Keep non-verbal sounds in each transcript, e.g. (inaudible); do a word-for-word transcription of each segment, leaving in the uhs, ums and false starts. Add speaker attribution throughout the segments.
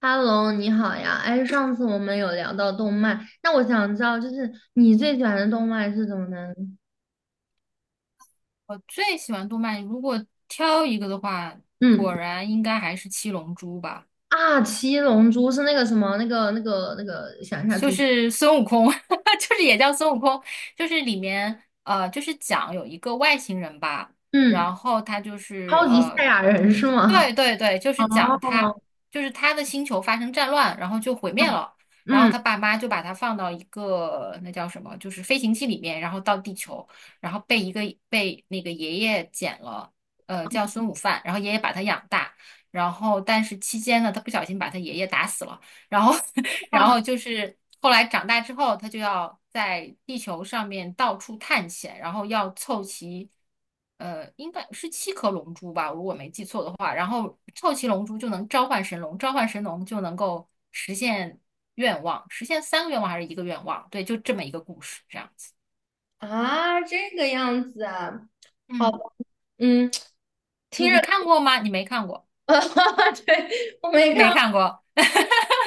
Speaker 1: 哈喽，你好呀！哎，上次我们有聊到动漫，那我想知道，就是你最喜欢的动漫是什么呢？
Speaker 2: 我最喜欢动漫，如果挑一个的话，
Speaker 1: 嗯，
Speaker 2: 果然应该还是《七龙珠》吧。
Speaker 1: 啊，七龙珠是那个什么，那个那个那个，想一下
Speaker 2: 就
Speaker 1: 猪，
Speaker 2: 是孙悟空，(laughs) 就是也叫孙悟空，就是里面呃，就是讲有一个外星人吧，
Speaker 1: 嗯，
Speaker 2: 然后他就是
Speaker 1: 超级赛
Speaker 2: 呃，
Speaker 1: 亚人是吗？
Speaker 2: 对对对，就是讲他
Speaker 1: 哦
Speaker 2: 就是他的星球发生战乱，然后就毁灭了，
Speaker 1: (laughs)，
Speaker 2: 然后
Speaker 1: 嗯，
Speaker 2: 他爸妈就把他放到一个那叫什么，就是飞行器里面，然后到地球，然后被一个被那个爷爷捡了，呃，叫孙悟饭，然后爷爷把他养大，然后但是期间呢，他不小心把他爷爷打死了。然后，(laughs) 然后就是后来长大之后，他就要在地球上面到处探险，然后要凑齐，呃，应该是七颗龙珠吧，如果没记错的话。然后凑齐龙珠就能召唤神龙，召唤神龙就能够实现愿望，实现三个愿望还是一个愿望？对，就这么一个故事，这样子。
Speaker 1: 啊，这个样子啊，好吧
Speaker 2: 嗯，
Speaker 1: 嗯，(laughs) 听
Speaker 2: 你你
Speaker 1: 着，
Speaker 2: 看过吗？你没看过。
Speaker 1: (laughs) 对，我没看
Speaker 2: 没
Speaker 1: 过，
Speaker 2: 看过，(laughs)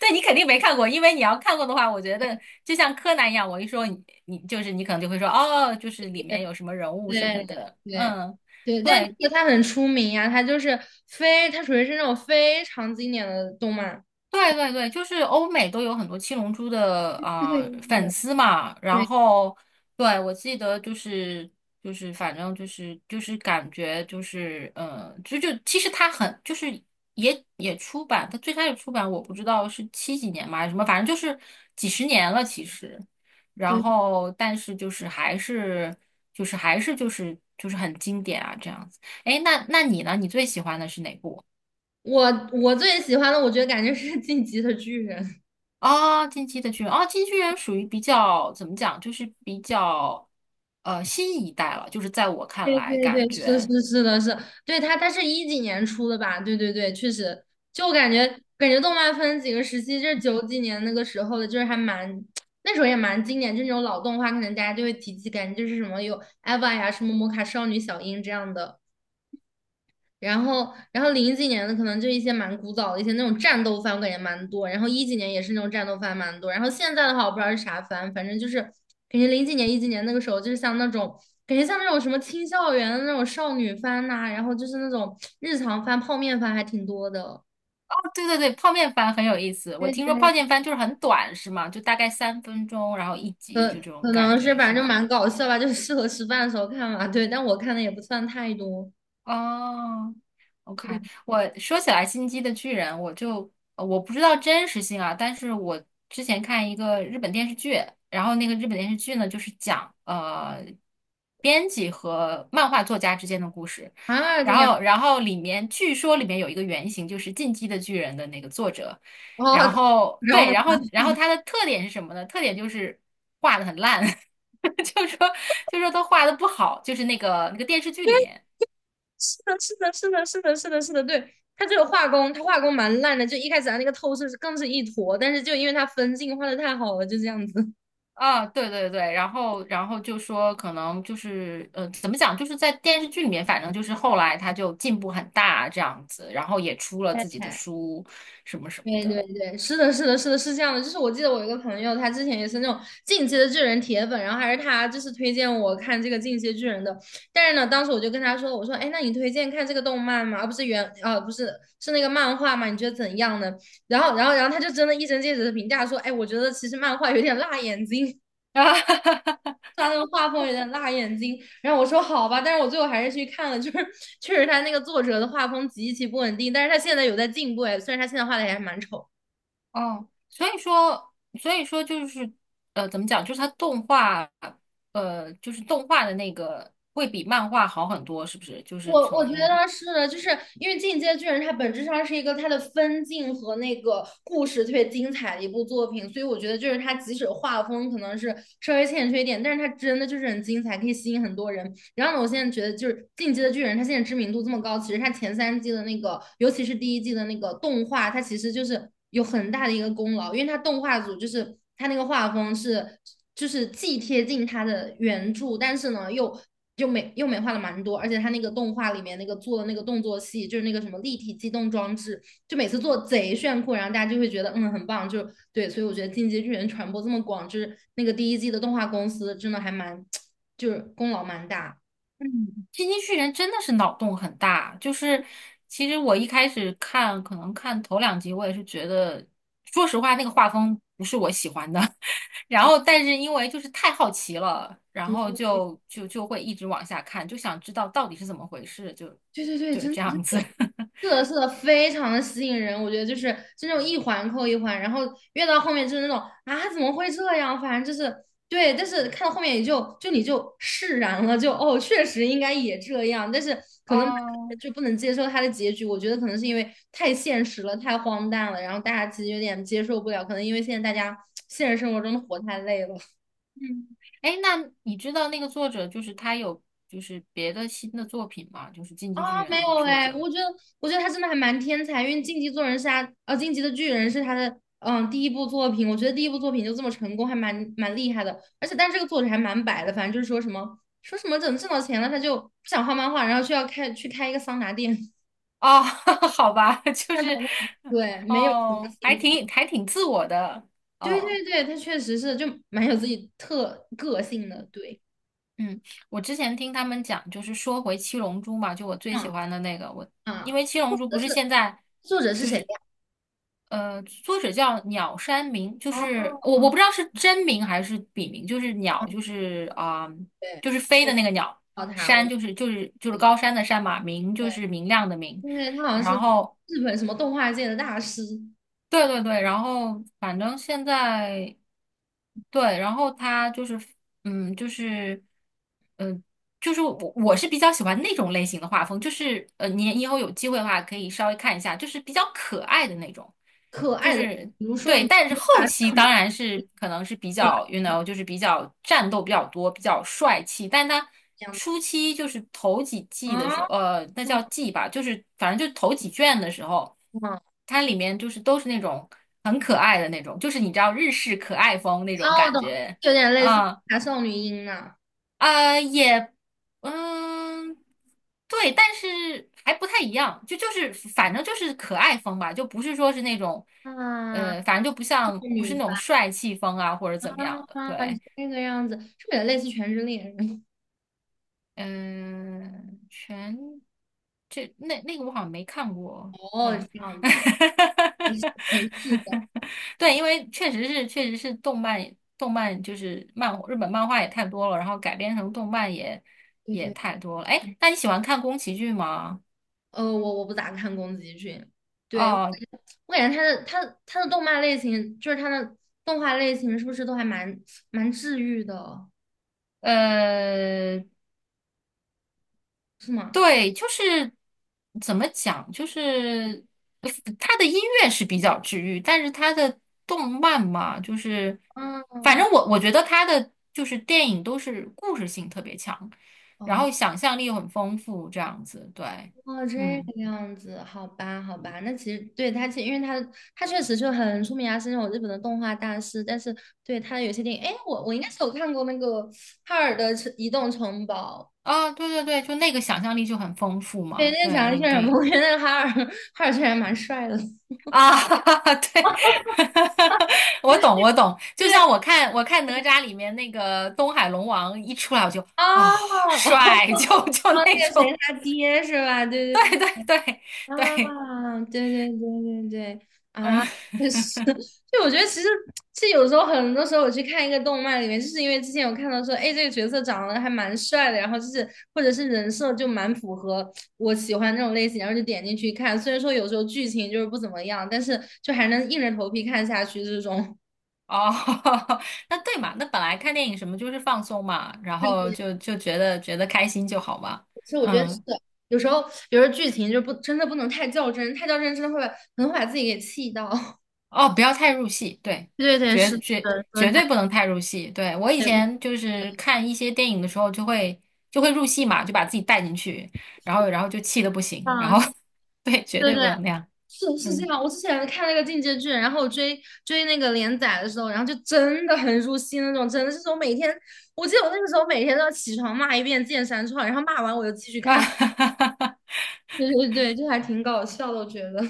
Speaker 2: 对你肯定没看过，因为你要看过的话，我觉得就像柯南一样，我一说你，你就是你可能就会说哦，就是里面有什么人物什么
Speaker 1: 对
Speaker 2: 的，
Speaker 1: 对
Speaker 2: 嗯，
Speaker 1: 对，但
Speaker 2: 对，
Speaker 1: 这个它很出名呀，它就是非，它属于是那种非常经典的动漫。
Speaker 2: 对对对，就是欧美都有很多七龙珠的啊、呃粉
Speaker 1: 对
Speaker 2: 丝嘛，然
Speaker 1: 对
Speaker 2: 后对我记得就是就是反正就是就是感觉就是呃就就其实它很就是也也出版，它最开始出版我不知道是七几年嘛还是什么，反正就是几十年了其实，然
Speaker 1: 对，
Speaker 2: 后但是就是还是就是还是就是就是很经典啊这样子。哎，那那你呢？你最喜欢的是哪部？
Speaker 1: 我我最喜欢的，我觉得感觉是《进击的巨人》(laughs)。
Speaker 2: 啊，进击的巨人啊，进击巨人属于比较怎么讲，就是比较呃新一代了，就是在我看
Speaker 1: 对
Speaker 2: 来，
Speaker 1: 对
Speaker 2: 感
Speaker 1: 对，是
Speaker 2: 觉
Speaker 1: 是是的是，对他他是一几年出的吧？对对对，确实，就感觉感觉动漫分几个时期，就是九几年那个时候的，就是还蛮 (tsk) 那时候也蛮经典，就那种老动画，可能大家就会提起，感觉就是什么有 E V A 呀、什么魔卡少女小樱这样的。然后，然后零几年的可能就一些蛮古早的一些那种战斗番，我感觉蛮多。然后一几年也是那种战斗番蛮多。然后现在的话，我不知道是啥番，反正就是感觉零几年、一几年那个时候，就是像那种感觉像那种什么青校园的那种少女番呐、然后就是那种日常番、泡面番还挺多的。
Speaker 2: 哦，对对对，泡面番很有意思。我
Speaker 1: 对
Speaker 2: 听说泡
Speaker 1: 对，
Speaker 2: 面番就是很短，是吗？就大概三分钟，然后一集，
Speaker 1: 可
Speaker 2: 就这种
Speaker 1: 可
Speaker 2: 感
Speaker 1: 能是
Speaker 2: 觉，
Speaker 1: 反
Speaker 2: 是
Speaker 1: 正就
Speaker 2: 吗？
Speaker 1: 蛮搞笑吧，就是适合吃饭的时候看嘛。对，但我看的也不算太多
Speaker 2: 哦，OK，
Speaker 1: 对，
Speaker 2: 我说起来《进击的巨人》，我就呃我不知道真实性啊，但是我之前看一个日本电视剧，然后那个日本电视剧呢，就是讲呃编辑和漫画作家之间的故事，
Speaker 1: 啊，这
Speaker 2: 然
Speaker 1: 个样子
Speaker 2: 后然后里面据说里面有一个原型就是《进击的巨人》的那个作者，
Speaker 1: 哦。
Speaker 2: 然
Speaker 1: (laughs)
Speaker 2: 后
Speaker 1: 然后
Speaker 2: 对，
Speaker 1: 呢？
Speaker 2: 然后然后他的特点是什么呢？特点就是画的很烂，(laughs) 就说就说他画的不好，就是那个那个电视剧里面。
Speaker 1: 是的，是的，是的，是的，是的，是的，对，他这个画工，他画工蛮烂的，就一开始他那个透视是更是一坨，但是就因为他分镜画的太好了，就这样子。
Speaker 2: 啊，对对对，然后然后就说可能就是呃，怎么讲，就是在电视剧里面，反正就是后来他就进步很大这样子，然后也出了
Speaker 1: 太
Speaker 2: 自己的
Speaker 1: 太
Speaker 2: 书什么什么
Speaker 1: 对对
Speaker 2: 的。
Speaker 1: 对，是的，是的，是的，是这样的。就是我记得我有一个朋友，他之前也是那种进击的巨人铁粉，然后还是他就是推荐我看这个进击的巨人的。但是呢，当时我就跟他说，我说，哎，那你推荐看这个动漫吗？而不是原，啊，不是，是那个漫画吗？你觉得怎样呢？然后，然后，然后他就真的一针见血的评价说，哎，我觉得其实漫画有点辣眼睛。
Speaker 2: (laughs)
Speaker 1: 他那个画风有点辣眼睛，然后我说好吧，但是我最后还是去看了，就是确实他那个作者的画风极其不稳定，但是他现在有在进步哎，虽然他现在画的也还蛮丑。
Speaker 2: 哦，所以说，所以说就是，呃，怎么讲？就是他动画，呃，就是动画的那个会比漫画好很多，是不是？就是
Speaker 1: 我我觉
Speaker 2: 从
Speaker 1: 得是的，就是因为《进阶巨人》它本质上是一个它的分镜和那个故事特别精彩的一部作品，所以我觉得就是它即使画风可能是稍微欠缺一点，但是它真的就是很精彩，可以吸引很多人。然后呢，我现在觉得就是《进击的巨人》，它现在知名度这么高，其实它前三季的那个，尤其是第一季的那个动画，它其实就是有很大的一个功劳，因为它动画组就是它那个画风是就是既贴近它的原著，但是呢又，又美又美化了蛮多，而且他那个动画里面那个做的那个动作戏，就是那个什么立体机动装置，就每次做贼炫酷，然后大家就会觉得嗯很棒，就对，所以我觉得《进击巨人》传播这么广，就是那个第一季的动画公司真的还蛮，就是功劳蛮大。
Speaker 2: 嗯，进击巨人真的是脑洞很大，就是其实我一开始看，可能看头两集，我也是觉得，说实话，那个画风不是我喜欢的。(laughs) 然后，但是因为就是太好奇了，然后
Speaker 1: 对
Speaker 2: 就就就会一直往下看，就想知道到底是怎么回事，就
Speaker 1: 对对对，
Speaker 2: 就
Speaker 1: 真的
Speaker 2: 这
Speaker 1: 真
Speaker 2: 样子。
Speaker 1: 的
Speaker 2: (laughs)
Speaker 1: 是的，是的，非常的吸引人。我觉得就是就那种一环扣一环，然后越到后面就是那种啊，怎么会这样？反正就是对，但是看到后面也就就你就释然了，就哦，确实应该也这样。但是可能
Speaker 2: 哦，
Speaker 1: 就不能接受他的结局，我觉得可能是因为太现实了，太荒诞了，然后大家其实有点接受不了。可能因为现在大家现实生活中都活太累了。
Speaker 2: 嗯，哎，那你知道那个作者就是他有就是别的新的作品吗？就是《进
Speaker 1: 啊，
Speaker 2: 击巨人》
Speaker 1: 没
Speaker 2: 那个
Speaker 1: 有
Speaker 2: 作
Speaker 1: 哎，
Speaker 2: 者
Speaker 1: 我觉得，我觉得他真的还蛮天才，因为《晋级做人》是他，呃，《晋级的巨人》是他的，嗯，第一部作品。我觉得第一部作品就这么成功，还蛮蛮厉害的。而且，但这个作者还蛮摆的，反正就是说什么说什么等挣到钱了，他就不想画漫画，然后就要开去开一个桑拿店。
Speaker 2: 哦，(laughs) 好吧，(laughs) 就是，
Speaker 1: (laughs) 对，没有什么
Speaker 2: 哦，还
Speaker 1: 新作
Speaker 2: 挺还挺自我的，
Speaker 1: 对
Speaker 2: 哦，
Speaker 1: 对对，他确实是就蛮有自己特个性的。对，
Speaker 2: 嗯，我之前听他们讲，就是说回《七龙珠》嘛，就我最喜
Speaker 1: 嗯
Speaker 2: 欢的那个，我因
Speaker 1: 啊，
Speaker 2: 为《七龙
Speaker 1: 作
Speaker 2: 珠》不
Speaker 1: 者
Speaker 2: 是
Speaker 1: 是
Speaker 2: 现在，
Speaker 1: 作者是谁呀？
Speaker 2: 呃，作者叫鸟山明，就
Speaker 1: 哦
Speaker 2: 是我
Speaker 1: 哦，
Speaker 2: 我不知道是真名还是笔名，就是
Speaker 1: 哦
Speaker 2: 鸟，就是啊、
Speaker 1: 对，
Speaker 2: 就是飞
Speaker 1: 我
Speaker 2: 的
Speaker 1: 知
Speaker 2: 那个鸟，
Speaker 1: 道他，我
Speaker 2: 山就是就是就是
Speaker 1: 对。
Speaker 2: 高山的山嘛，明就是明亮的明，
Speaker 1: 因为他好像是
Speaker 2: 然后。
Speaker 1: 日本什么动画界的大师，
Speaker 2: 对对对，然后反正现在对，然后他就是，嗯，就是，嗯。就是我我是比较喜欢那种类型的画风，就是呃，你以后有机会的话可以稍微看一下，就是比较可爱的那种，
Speaker 1: 可
Speaker 2: 就
Speaker 1: 爱的，
Speaker 2: 是
Speaker 1: 比如说
Speaker 2: 对，
Speaker 1: 你
Speaker 2: 但是
Speaker 1: 无
Speaker 2: 后
Speaker 1: 法
Speaker 2: 期
Speaker 1: 少女
Speaker 2: 当然是可能是比
Speaker 1: 可爱
Speaker 2: 较，you know，就是比较战斗比较多，比较帅气，但他
Speaker 1: 这样子
Speaker 2: 初期就是头几季
Speaker 1: 啊，
Speaker 2: 的时候，呃，那
Speaker 1: 哦，
Speaker 2: 叫季吧，就是反正就头几卷的时候，
Speaker 1: 哦
Speaker 2: 它里面就是都是那种很可爱的那种，就是你知道日式可爱风那种
Speaker 1: 我
Speaker 2: 感
Speaker 1: 懂，
Speaker 2: 觉。
Speaker 1: 有点类似
Speaker 2: 啊
Speaker 1: 大少女音呢
Speaker 2: 呃，也，嗯，对，但是还不太一样，就就是反正就是可爱风吧，就不是说是那种，
Speaker 1: 啊，
Speaker 2: 呃，反
Speaker 1: 少
Speaker 2: 正就不像不
Speaker 1: 女
Speaker 2: 是那种
Speaker 1: 番
Speaker 2: 帅气风啊或者怎么样的，
Speaker 1: 啊，
Speaker 2: 对。
Speaker 1: 这个样子，是不是也类似《全职猎人》？
Speaker 2: 嗯、全这那那个我好像没看
Speaker 1: (laughs)
Speaker 2: 过，
Speaker 1: 哦，这
Speaker 2: 对，
Speaker 1: 样子，没事没事的，
Speaker 2: (laughs) 对，因为确实是确实是动漫动漫就是漫日本漫画也太多了，然后改编成动漫也
Speaker 1: 对
Speaker 2: 也
Speaker 1: 对，
Speaker 2: 太多了。哎，那你喜欢看宫崎骏吗？
Speaker 1: 呃，我我不咋看宫崎骏，对，
Speaker 2: 哦，
Speaker 1: 我感觉他的他他的动漫类型，就是他的动画类型，是不是都还蛮蛮治愈的，
Speaker 2: 呃，
Speaker 1: 是吗？
Speaker 2: 对，就是怎么讲，就是他的音乐是比较治愈，但是他的动漫嘛，就是反
Speaker 1: 嗯。
Speaker 2: 正我我觉得他的就是电影都是故事性特别强，然
Speaker 1: 哦，
Speaker 2: 后想象力又很丰富，这样子，对，
Speaker 1: 哦，这个
Speaker 2: 嗯，
Speaker 1: 样子，好吧，好吧，那其实对他，其实因为他他确实就很出名啊，是那种日本的动画大师。但是对他有些电影，哎，我我应该是有看过那个《哈尔的城移动城堡》，
Speaker 2: 啊，对对对，就那个想象力就很丰富
Speaker 1: 对，
Speaker 2: 嘛，
Speaker 1: 那个
Speaker 2: 对，
Speaker 1: 长得
Speaker 2: 那
Speaker 1: 确
Speaker 2: 个
Speaker 1: 实很
Speaker 2: 电
Speaker 1: 不
Speaker 2: 影。
Speaker 1: 错，那个哈尔 (laughs) 哈尔确实还蛮帅的，(laughs) 就
Speaker 2: 啊，(laughs) 对，(laughs) 我
Speaker 1: 是
Speaker 2: 懂，我懂。就
Speaker 1: 对
Speaker 2: 像我看我看哪吒里面那个东海龙王一出来，我就
Speaker 1: 啊，
Speaker 2: 啊、
Speaker 1: 哦，哦，
Speaker 2: 帅，(laughs) 就就
Speaker 1: 那
Speaker 2: 那
Speaker 1: 个谁
Speaker 2: 种，
Speaker 1: 他爹是吧？对对
Speaker 2: 对对对对，
Speaker 1: 啊，对对对对对，
Speaker 2: 嗯，
Speaker 1: 啊，就是，(laughs) 就我觉得其实其实有时候很多时候我去看一个动漫里面，就是因为之前有看到说，哎，这个角色长得还蛮帅的，然后就是或者是人设就蛮符合我喜欢那种类型，然后就点进去看。虽然说有时候剧情就是不怎么样，但是就还能硬着头皮看下去这种。(laughs)
Speaker 2: 哦，(laughs) 那对嘛，那本来看电影什么就是放松嘛，然
Speaker 1: 对
Speaker 2: 后
Speaker 1: 对，
Speaker 2: 就就觉得觉得开心就好嘛，
Speaker 1: 其实我觉得是
Speaker 2: 嗯。
Speaker 1: 的有时候有时候剧情就不真的不能太较真，太较真真的会很会把自己给气到。(laughs)
Speaker 2: 哦，不要太入戏，对，
Speaker 1: 对对，是
Speaker 2: 绝绝
Speaker 1: 的，说
Speaker 2: 绝
Speaker 1: 的太
Speaker 2: 对不能太入戏。对，我以
Speaker 1: 对
Speaker 2: 前就是看一些电影的时候，就会就会入戏嘛，就把自己带进去，然后然后就气得不行，然
Speaker 1: 啊，
Speaker 2: 后 (laughs) 对，绝
Speaker 1: 对
Speaker 2: 对不
Speaker 1: 对，
Speaker 2: 能那样。
Speaker 1: 是是这
Speaker 2: 嗯
Speaker 1: 样。我之前看那个《进阶剧，然后我追追那个连载的时候，然后就真的很入戏那种，真的是我每天，我记得我那个时候每天都要起床骂一遍《剑三创》，然后骂完我就继续
Speaker 2: 啊，
Speaker 1: 看。
Speaker 2: (laughs)
Speaker 1: 对对对，就还挺搞笑的，我觉得。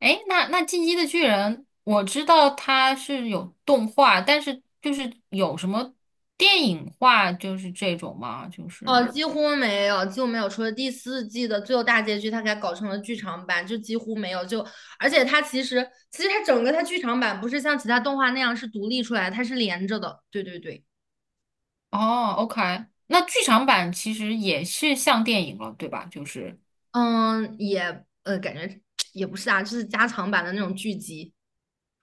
Speaker 2: 哎那那《进击的巨人》，我知道它是有动画，但是就是有什么电影化，就是这种嘛，就
Speaker 1: 哦，
Speaker 2: 是
Speaker 1: 几乎没有，就没有，除了第四季的最后大结局，它给它搞成了剧场版，就几乎没有。就而且它其实其实它整个它剧场版不是像其他动画那样是独立出来的，它是连着的。对对对。
Speaker 2: 哦，OK，那剧场版其实也是像电影了，对吧？就是。
Speaker 1: 嗯，也呃，感觉也不是啊，就是加长版的那种剧集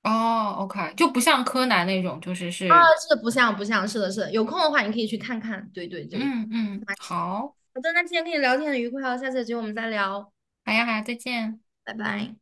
Speaker 2: 哦，OK，就不像柯南那种，就是
Speaker 1: 啊，
Speaker 2: 是，
Speaker 1: 是不像不像，是的，是的，有空的话你可以去看看，对对对，
Speaker 2: 嗯嗯，
Speaker 1: 那是
Speaker 2: 好，
Speaker 1: 好的，那今天跟你聊天很愉快哦，下次有机会我们再聊，
Speaker 2: 好呀好呀，再见。
Speaker 1: 拜拜。